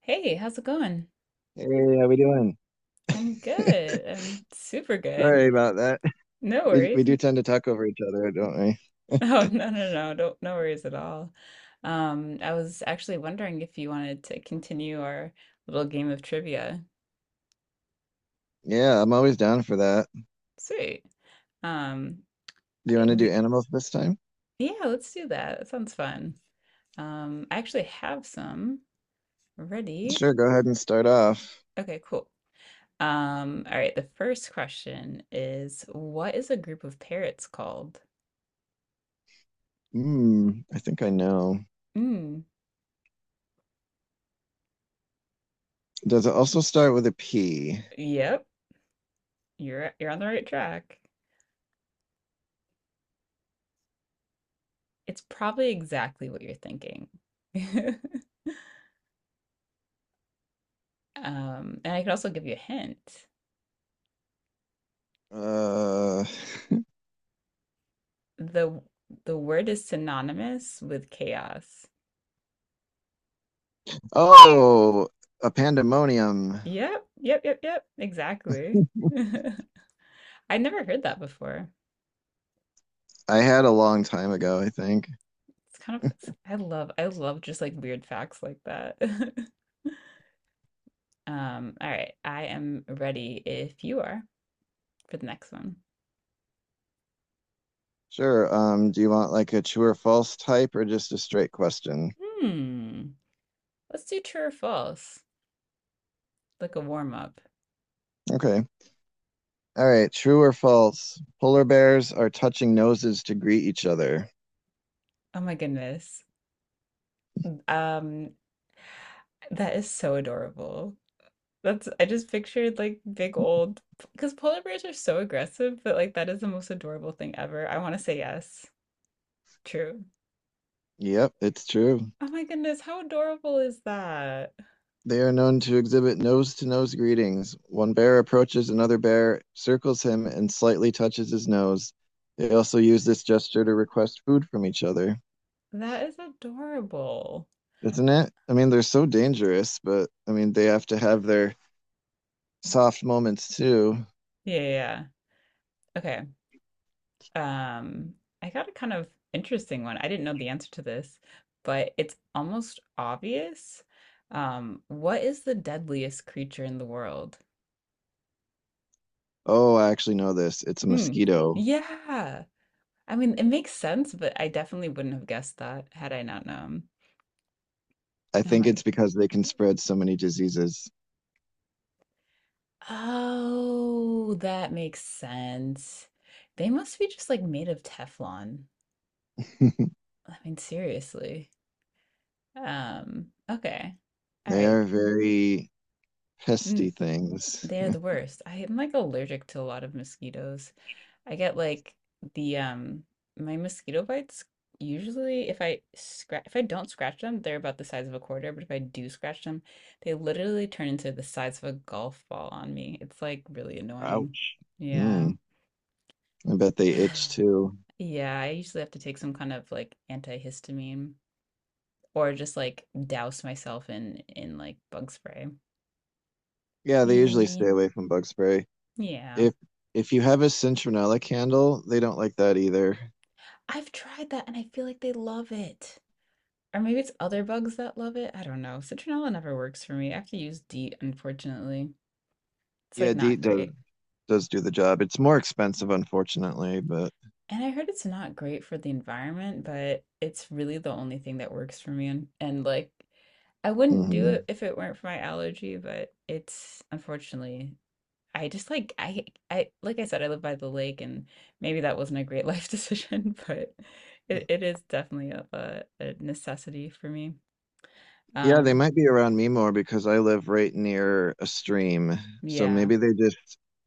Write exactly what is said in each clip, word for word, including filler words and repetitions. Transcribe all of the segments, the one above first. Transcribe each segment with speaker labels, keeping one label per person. Speaker 1: Hey, how's it going?
Speaker 2: Hey, how we doing?
Speaker 1: I'm good. I'm super good.
Speaker 2: Sorry about that.
Speaker 1: No
Speaker 2: We we
Speaker 1: worries.
Speaker 2: do tend to talk over each other, don't we?
Speaker 1: No, no, no, no, don't, no worries at all. Um, I was actually wondering if you wanted to continue our little game of trivia.
Speaker 2: Yeah, I'm always down for that.
Speaker 1: Sweet. Um,
Speaker 2: Do you
Speaker 1: I-
Speaker 2: want to do
Speaker 1: we,
Speaker 2: animals this time?
Speaker 1: yeah, let's do that. That sounds fun. Um, I actually have some ready.
Speaker 2: Sure, go ahead and start off.
Speaker 1: Okay, cool. Um, all right, the first question is, what is a group of parrots called?
Speaker 2: Hmm, I think I know.
Speaker 1: Mm,
Speaker 2: Does it also start with a P?
Speaker 1: yep. You're you're on the right track. It's probably exactly what you're thinking. Um, and I could also give you a hint.
Speaker 2: Uh,
Speaker 1: The the word is synonymous with chaos.
Speaker 2: oh, a pandemonium.
Speaker 1: Yep, yep, yep, yep, exactly. I never heard that before.
Speaker 2: I had a long time ago, I think.
Speaker 1: It's kind of it's- I love I love just like weird facts like that. Um, all right, I am ready if you are for the next one.
Speaker 2: Sure. Um, do you want like a true or false type or just a straight question?
Speaker 1: Hmm. Let's do true or false, like a warm up.
Speaker 2: Okay. All right, true or false? Polar bears are touching noses to greet each other.
Speaker 1: Oh my goodness. Um, that is so adorable. That's I just pictured like big old because polar bears are so aggressive, but like that is the most adorable thing ever. I want to say yes. True.
Speaker 2: Yep, it's true.
Speaker 1: Oh my goodness, how adorable is that?
Speaker 2: They are known to exhibit nose to nose greetings. One bear approaches another bear, circles him, and slightly touches his nose. They also use this gesture to request food from each other.
Speaker 1: That is adorable.
Speaker 2: Isn't it? I mean, they're so dangerous, but I mean, they have to have their soft moments too.
Speaker 1: Yeah, yeah, yeah. Okay. Um, I got a kind of interesting one. I didn't know the answer to this, but it's almost obvious. Um, what is the deadliest creature in the world?
Speaker 2: Oh, I actually know this. It's a
Speaker 1: Hmm.
Speaker 2: mosquito.
Speaker 1: Yeah. I mean, it makes sense, but I definitely wouldn't have guessed that had I not known.
Speaker 2: I
Speaker 1: Oh
Speaker 2: think
Speaker 1: my God.
Speaker 2: it's because they can spread so many diseases.
Speaker 1: Oh, that makes sense. They must be just like made of Teflon. I mean, seriously. Um, okay. All
Speaker 2: They
Speaker 1: right.
Speaker 2: are very
Speaker 1: Mm,
Speaker 2: pesty things.
Speaker 1: they are the worst. I am like allergic to a lot of mosquitoes. I get like the um my mosquito bites usually if I scratch if I don't scratch them, they're about the size of a quarter, but if I do scratch them, they literally turn into the size of a golf ball on me. It's like really annoying.
Speaker 2: Ouch.
Speaker 1: Yeah.
Speaker 2: Mm, I bet they itch too.
Speaker 1: Yeah, I usually have to take some kind of like antihistamine or just like douse myself in in like bug spray.
Speaker 2: Yeah, they usually stay
Speaker 1: Yee.
Speaker 2: away from bug spray.
Speaker 1: Yeah.
Speaker 2: If if you have a citronella candle, they don't like that either.
Speaker 1: I've tried that and I feel like they love it. Or maybe it's other bugs that love it, I don't know. Citronella never works for me. I have to use DEET, unfortunately. It's,
Speaker 2: Yeah,
Speaker 1: like,
Speaker 2: DEET
Speaker 1: not
Speaker 2: does
Speaker 1: great.
Speaker 2: does do the job. It's more expensive, unfortunately, but
Speaker 1: And I heard it's not great for the environment, but it's really the only thing that works for me, and and, like, I wouldn't do it
Speaker 2: mhm.
Speaker 1: if it weren't for my allergy, but it's unfortunately I just, like, I I like I said, I live by the lake, and maybe that wasn't a great life decision, but it it is definitely a a a necessity for me.
Speaker 2: Yeah, they
Speaker 1: Um,
Speaker 2: might be around me more because I live right near a stream. So
Speaker 1: yeah.
Speaker 2: maybe they just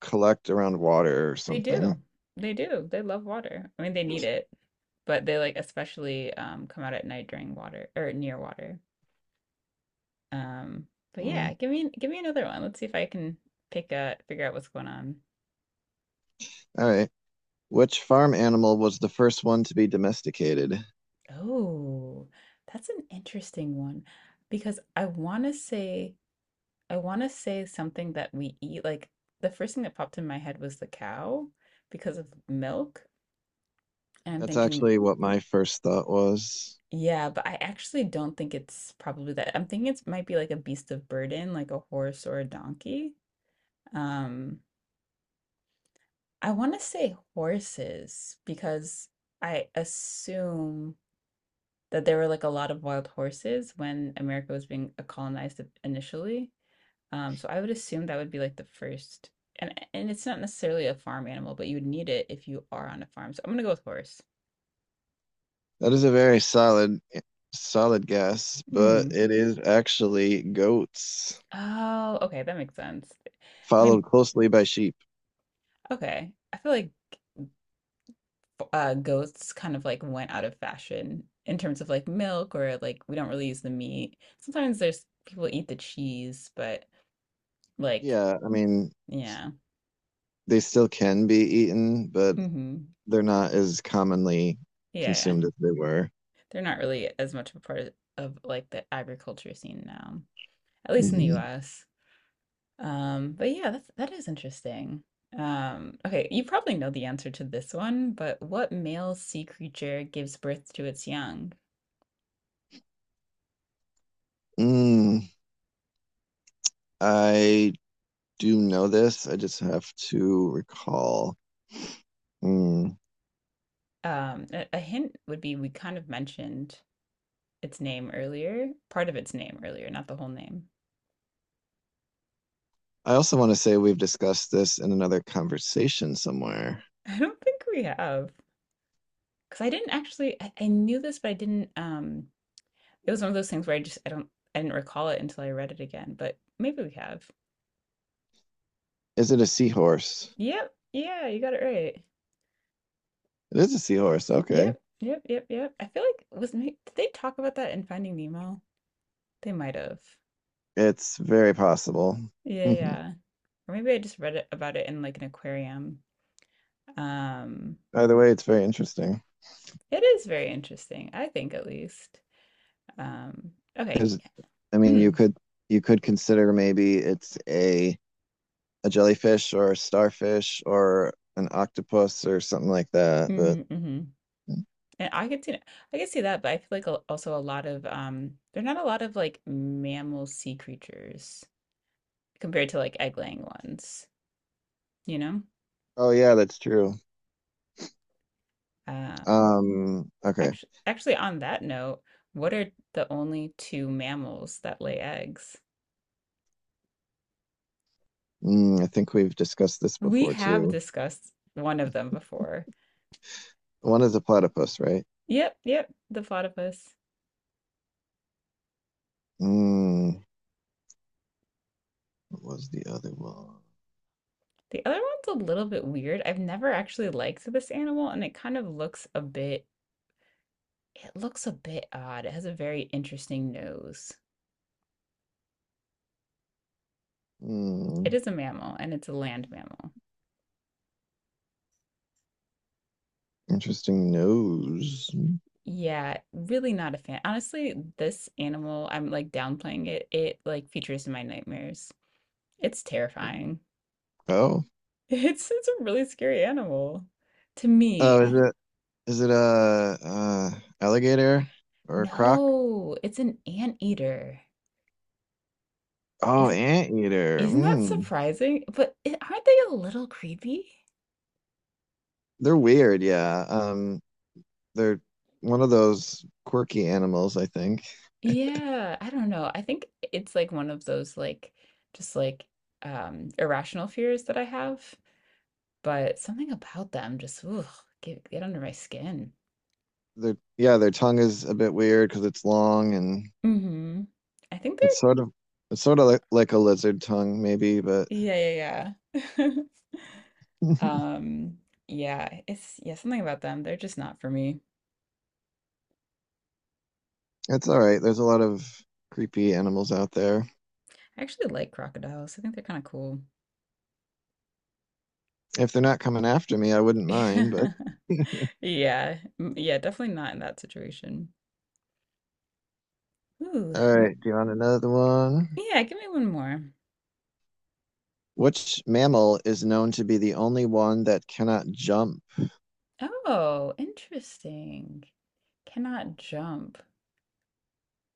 Speaker 2: collect around water or
Speaker 1: They
Speaker 2: something.
Speaker 1: do. They do. They love water. I mean, they need it, but they like especially um come out at night during water or near water. Um, but yeah,
Speaker 2: Mm.
Speaker 1: give me give me another one. Let's see if I can pick a figure out what's going on.
Speaker 2: All right. Which farm animal was the first one to be domesticated?
Speaker 1: Oh, that's an interesting one because I want to say I want to say something that we eat. Like the first thing that popped in my head was the cow because of milk. And I'm
Speaker 2: That's
Speaker 1: thinking,
Speaker 2: actually what my first thought was.
Speaker 1: yeah, but I actually don't think it's probably that. I'm thinking it might be like a beast of burden, like a horse or a donkey. Um, I want to say horses because I assume that there were like a lot of wild horses when America was being colonized initially. Um, so I would assume that would be like the first, and and it's not necessarily a farm animal, but you would need it if you are on a farm. So I'm gonna go with horse.
Speaker 2: That is a very solid, solid guess, but
Speaker 1: Mm.
Speaker 2: it is actually goats,
Speaker 1: Oh, okay, that makes sense. I mean,
Speaker 2: followed closely by sheep.
Speaker 1: okay. I feel like uh, goats kind of like went out of fashion in terms of like milk or like we don't really use the meat. Sometimes there's people eat the cheese, but like
Speaker 2: Yeah, I mean,
Speaker 1: yeah,
Speaker 2: they still can be eaten, but
Speaker 1: hmm,
Speaker 2: they're not as commonly
Speaker 1: yeah, yeah.
Speaker 2: consumed as they were.
Speaker 1: They're not really as much of a part of, of like the agriculture scene now, at least in the
Speaker 2: Hmm.
Speaker 1: U S. Um, but yeah, that's that is interesting. Um, okay, you probably know the answer to this one, but what male sea creature gives birth to its young?
Speaker 2: Mm, I do know this. I just have to recall. Mm.
Speaker 1: Um, a, a hint would be we kind of mentioned its name earlier, part of its name earlier, not the whole name.
Speaker 2: I also want to say we've discussed this in another conversation somewhere.
Speaker 1: I don't think we have. Because I didn't actually, I, I knew this, but I didn't. Um, it was one of those things where I just, I don't, I didn't recall it until I read it again. But maybe we have.
Speaker 2: Is it a seahorse?
Speaker 1: Yep. Yeah, you got it right.
Speaker 2: It is a seahorse. Okay.
Speaker 1: Yep. Yep. Yep. Yep. I feel like was may- did they talk about that in Finding Nemo? They might have.
Speaker 2: It's very possible.
Speaker 1: Yeah.
Speaker 2: Mhm.
Speaker 1: Yeah. Or maybe I just read it about it in like an aquarium. Um,
Speaker 2: Either way, it's very interesting
Speaker 1: it is very interesting. I think at least. Um, okay.
Speaker 2: because I mean, you
Speaker 1: Mm.
Speaker 2: could you could consider maybe it's a a jellyfish or a starfish or an octopus or something like that. But
Speaker 1: Mm-hmm, mm-hmm. And I could see that. I could see that, but I feel like al- also a lot of um there are not a lot of like mammal sea creatures compared to like egg-laying ones, you know?
Speaker 2: oh yeah, that's true.
Speaker 1: Um
Speaker 2: Um, okay.
Speaker 1: Actually, actually on that note, what are the only two mammals that lay eggs?
Speaker 2: Mm, I think we've discussed this
Speaker 1: We
Speaker 2: before
Speaker 1: have
Speaker 2: too.
Speaker 1: discussed one of them before.
Speaker 2: One is a platypus, right?
Speaker 1: Yep, yep, the platypus.
Speaker 2: Mm, what was the other one?
Speaker 1: The other one's a little bit weird. I've never actually liked this animal and it kind of looks a bit it looks a bit odd. It has a very interesting nose. It
Speaker 2: Mm,
Speaker 1: is a mammal and it's a land mammal.
Speaker 2: interesting nose.
Speaker 1: Yeah, really not a fan. Honestly, this animal, I'm like downplaying it. It like features in my nightmares. It's terrifying.
Speaker 2: Oh,
Speaker 1: It's it's a really scary animal to me.
Speaker 2: oh, is
Speaker 1: I-
Speaker 2: it? Is it a, uh alligator or a croc?
Speaker 1: no, it's an anteater.
Speaker 2: Oh,
Speaker 1: Isn't
Speaker 2: anteater.
Speaker 1: isn't that
Speaker 2: Mm.
Speaker 1: surprising? But i- aren't they a little creepy?
Speaker 2: They're weird, yeah. Um, they're one of those quirky animals, I think.
Speaker 1: Yeah, I don't know. I think it's like one of those like just like um irrational fears that I have. But something about them just, ugh, get get under my skin.
Speaker 2: They're yeah, their tongue is a bit weird because it's long and
Speaker 1: Mhm. I think
Speaker 2: it's
Speaker 1: they're
Speaker 2: sort of it's sort of like, like a lizard tongue, maybe, but
Speaker 1: yeah, yeah, yeah. Um, yeah, it's yeah, something about them, they're just not for me.
Speaker 2: it's all right. There's a lot of creepy animals out there.
Speaker 1: I actually like crocodiles. I think they're kind of cool.
Speaker 2: If they're not coming after me, I wouldn't mind, but
Speaker 1: Yeah. Mm, yeah, definitely not in that situation. Ooh,
Speaker 2: all
Speaker 1: well,
Speaker 2: right, do you want another one?
Speaker 1: yeah, give me one more.
Speaker 2: Which mammal is known to be the only one that cannot jump?
Speaker 1: Oh, interesting. Cannot jump.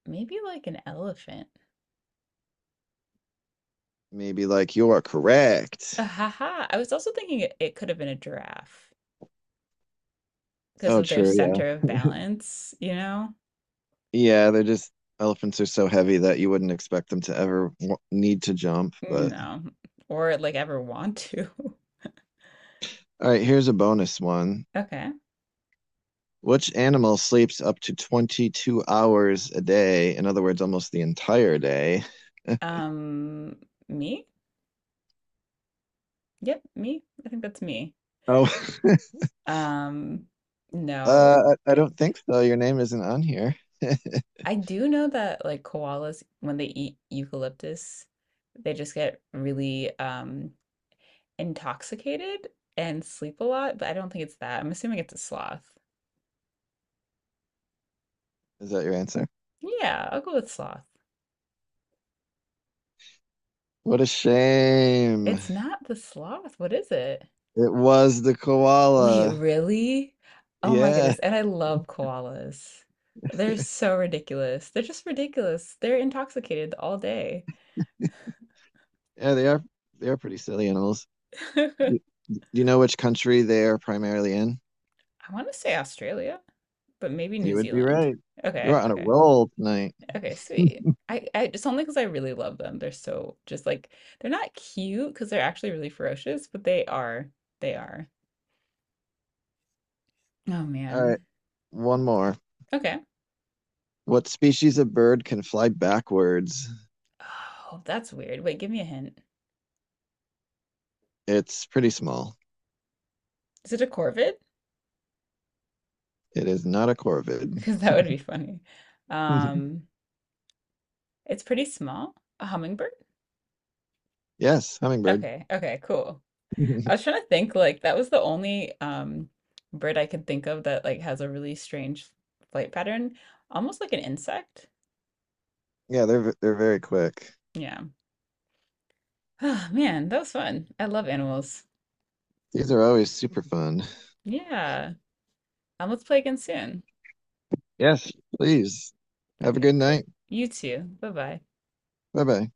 Speaker 1: Maybe like an elephant.
Speaker 2: Maybe like you are
Speaker 1: Ah,
Speaker 2: correct.
Speaker 1: ha ha. I was also thinking it, it could have been a giraffe. 'Cause
Speaker 2: Oh,
Speaker 1: of their
Speaker 2: true. Yeah.
Speaker 1: center of balance, you know?
Speaker 2: Yeah. They're just elephants are so heavy that you wouldn't expect them to ever w- need to jump. But
Speaker 1: No, or, like, ever want to.
Speaker 2: all right, here's a bonus one.
Speaker 1: Okay.
Speaker 2: Which animal sleeps up to twenty-two hours a day? In other words, almost the entire day.
Speaker 1: Um, Me? Yep, me. I think that's me.
Speaker 2: Oh,
Speaker 1: Um, no,
Speaker 2: uh, I I
Speaker 1: eh
Speaker 2: don't think so. Your name isn't on here. Is
Speaker 1: I do know that, like, koalas, when they eat eucalyptus, they just get really, um, intoxicated and sleep a lot, but I don't think it's that. I'm assuming it's a sloth.
Speaker 2: that your answer?
Speaker 1: Yeah, I'll go with sloth.
Speaker 2: What a shame.
Speaker 1: It's not the sloth. What is it?
Speaker 2: It was the
Speaker 1: Wait,
Speaker 2: koala.
Speaker 1: really? Oh my
Speaker 2: Yeah,
Speaker 1: goodness. And I love koalas. They're so ridiculous. They're just ridiculous. They're intoxicated all day.
Speaker 2: yeah, they are they are pretty silly animals.
Speaker 1: I
Speaker 2: Do do you know which country they are primarily in?
Speaker 1: want to say Australia, but maybe New
Speaker 2: You would be
Speaker 1: Zealand.
Speaker 2: right. You are
Speaker 1: Okay,
Speaker 2: on a
Speaker 1: okay,
Speaker 2: roll tonight.
Speaker 1: okay, sweet. I, I it's only because I really love them. They're so just like they're not cute because they're actually really ferocious, but they are. They are. Oh
Speaker 2: All right,
Speaker 1: man.
Speaker 2: one more.
Speaker 1: Okay.
Speaker 2: What species of bird can fly backwards?
Speaker 1: Oh, that's weird. Wait, give me a hint.
Speaker 2: It's pretty small.
Speaker 1: Is it a corvid?
Speaker 2: It is not a corvid.
Speaker 1: Because that would be funny. Um, It's pretty small. A hummingbird?
Speaker 2: Yes, hummingbird.
Speaker 1: Okay, okay, cool. I was trying to think like that was the only um bird I could think of that like has a really strange flight pattern, almost like an insect.
Speaker 2: Yeah, they're v- they're very quick.
Speaker 1: Yeah. Oh man, that was fun. I love animals.
Speaker 2: These are always super fun.
Speaker 1: Yeah. Um, let's play again soon.
Speaker 2: Yes, please. Have a
Speaker 1: Okay,
Speaker 2: good
Speaker 1: cool.
Speaker 2: night.
Speaker 1: You too. Bye-bye.
Speaker 2: Bye bye.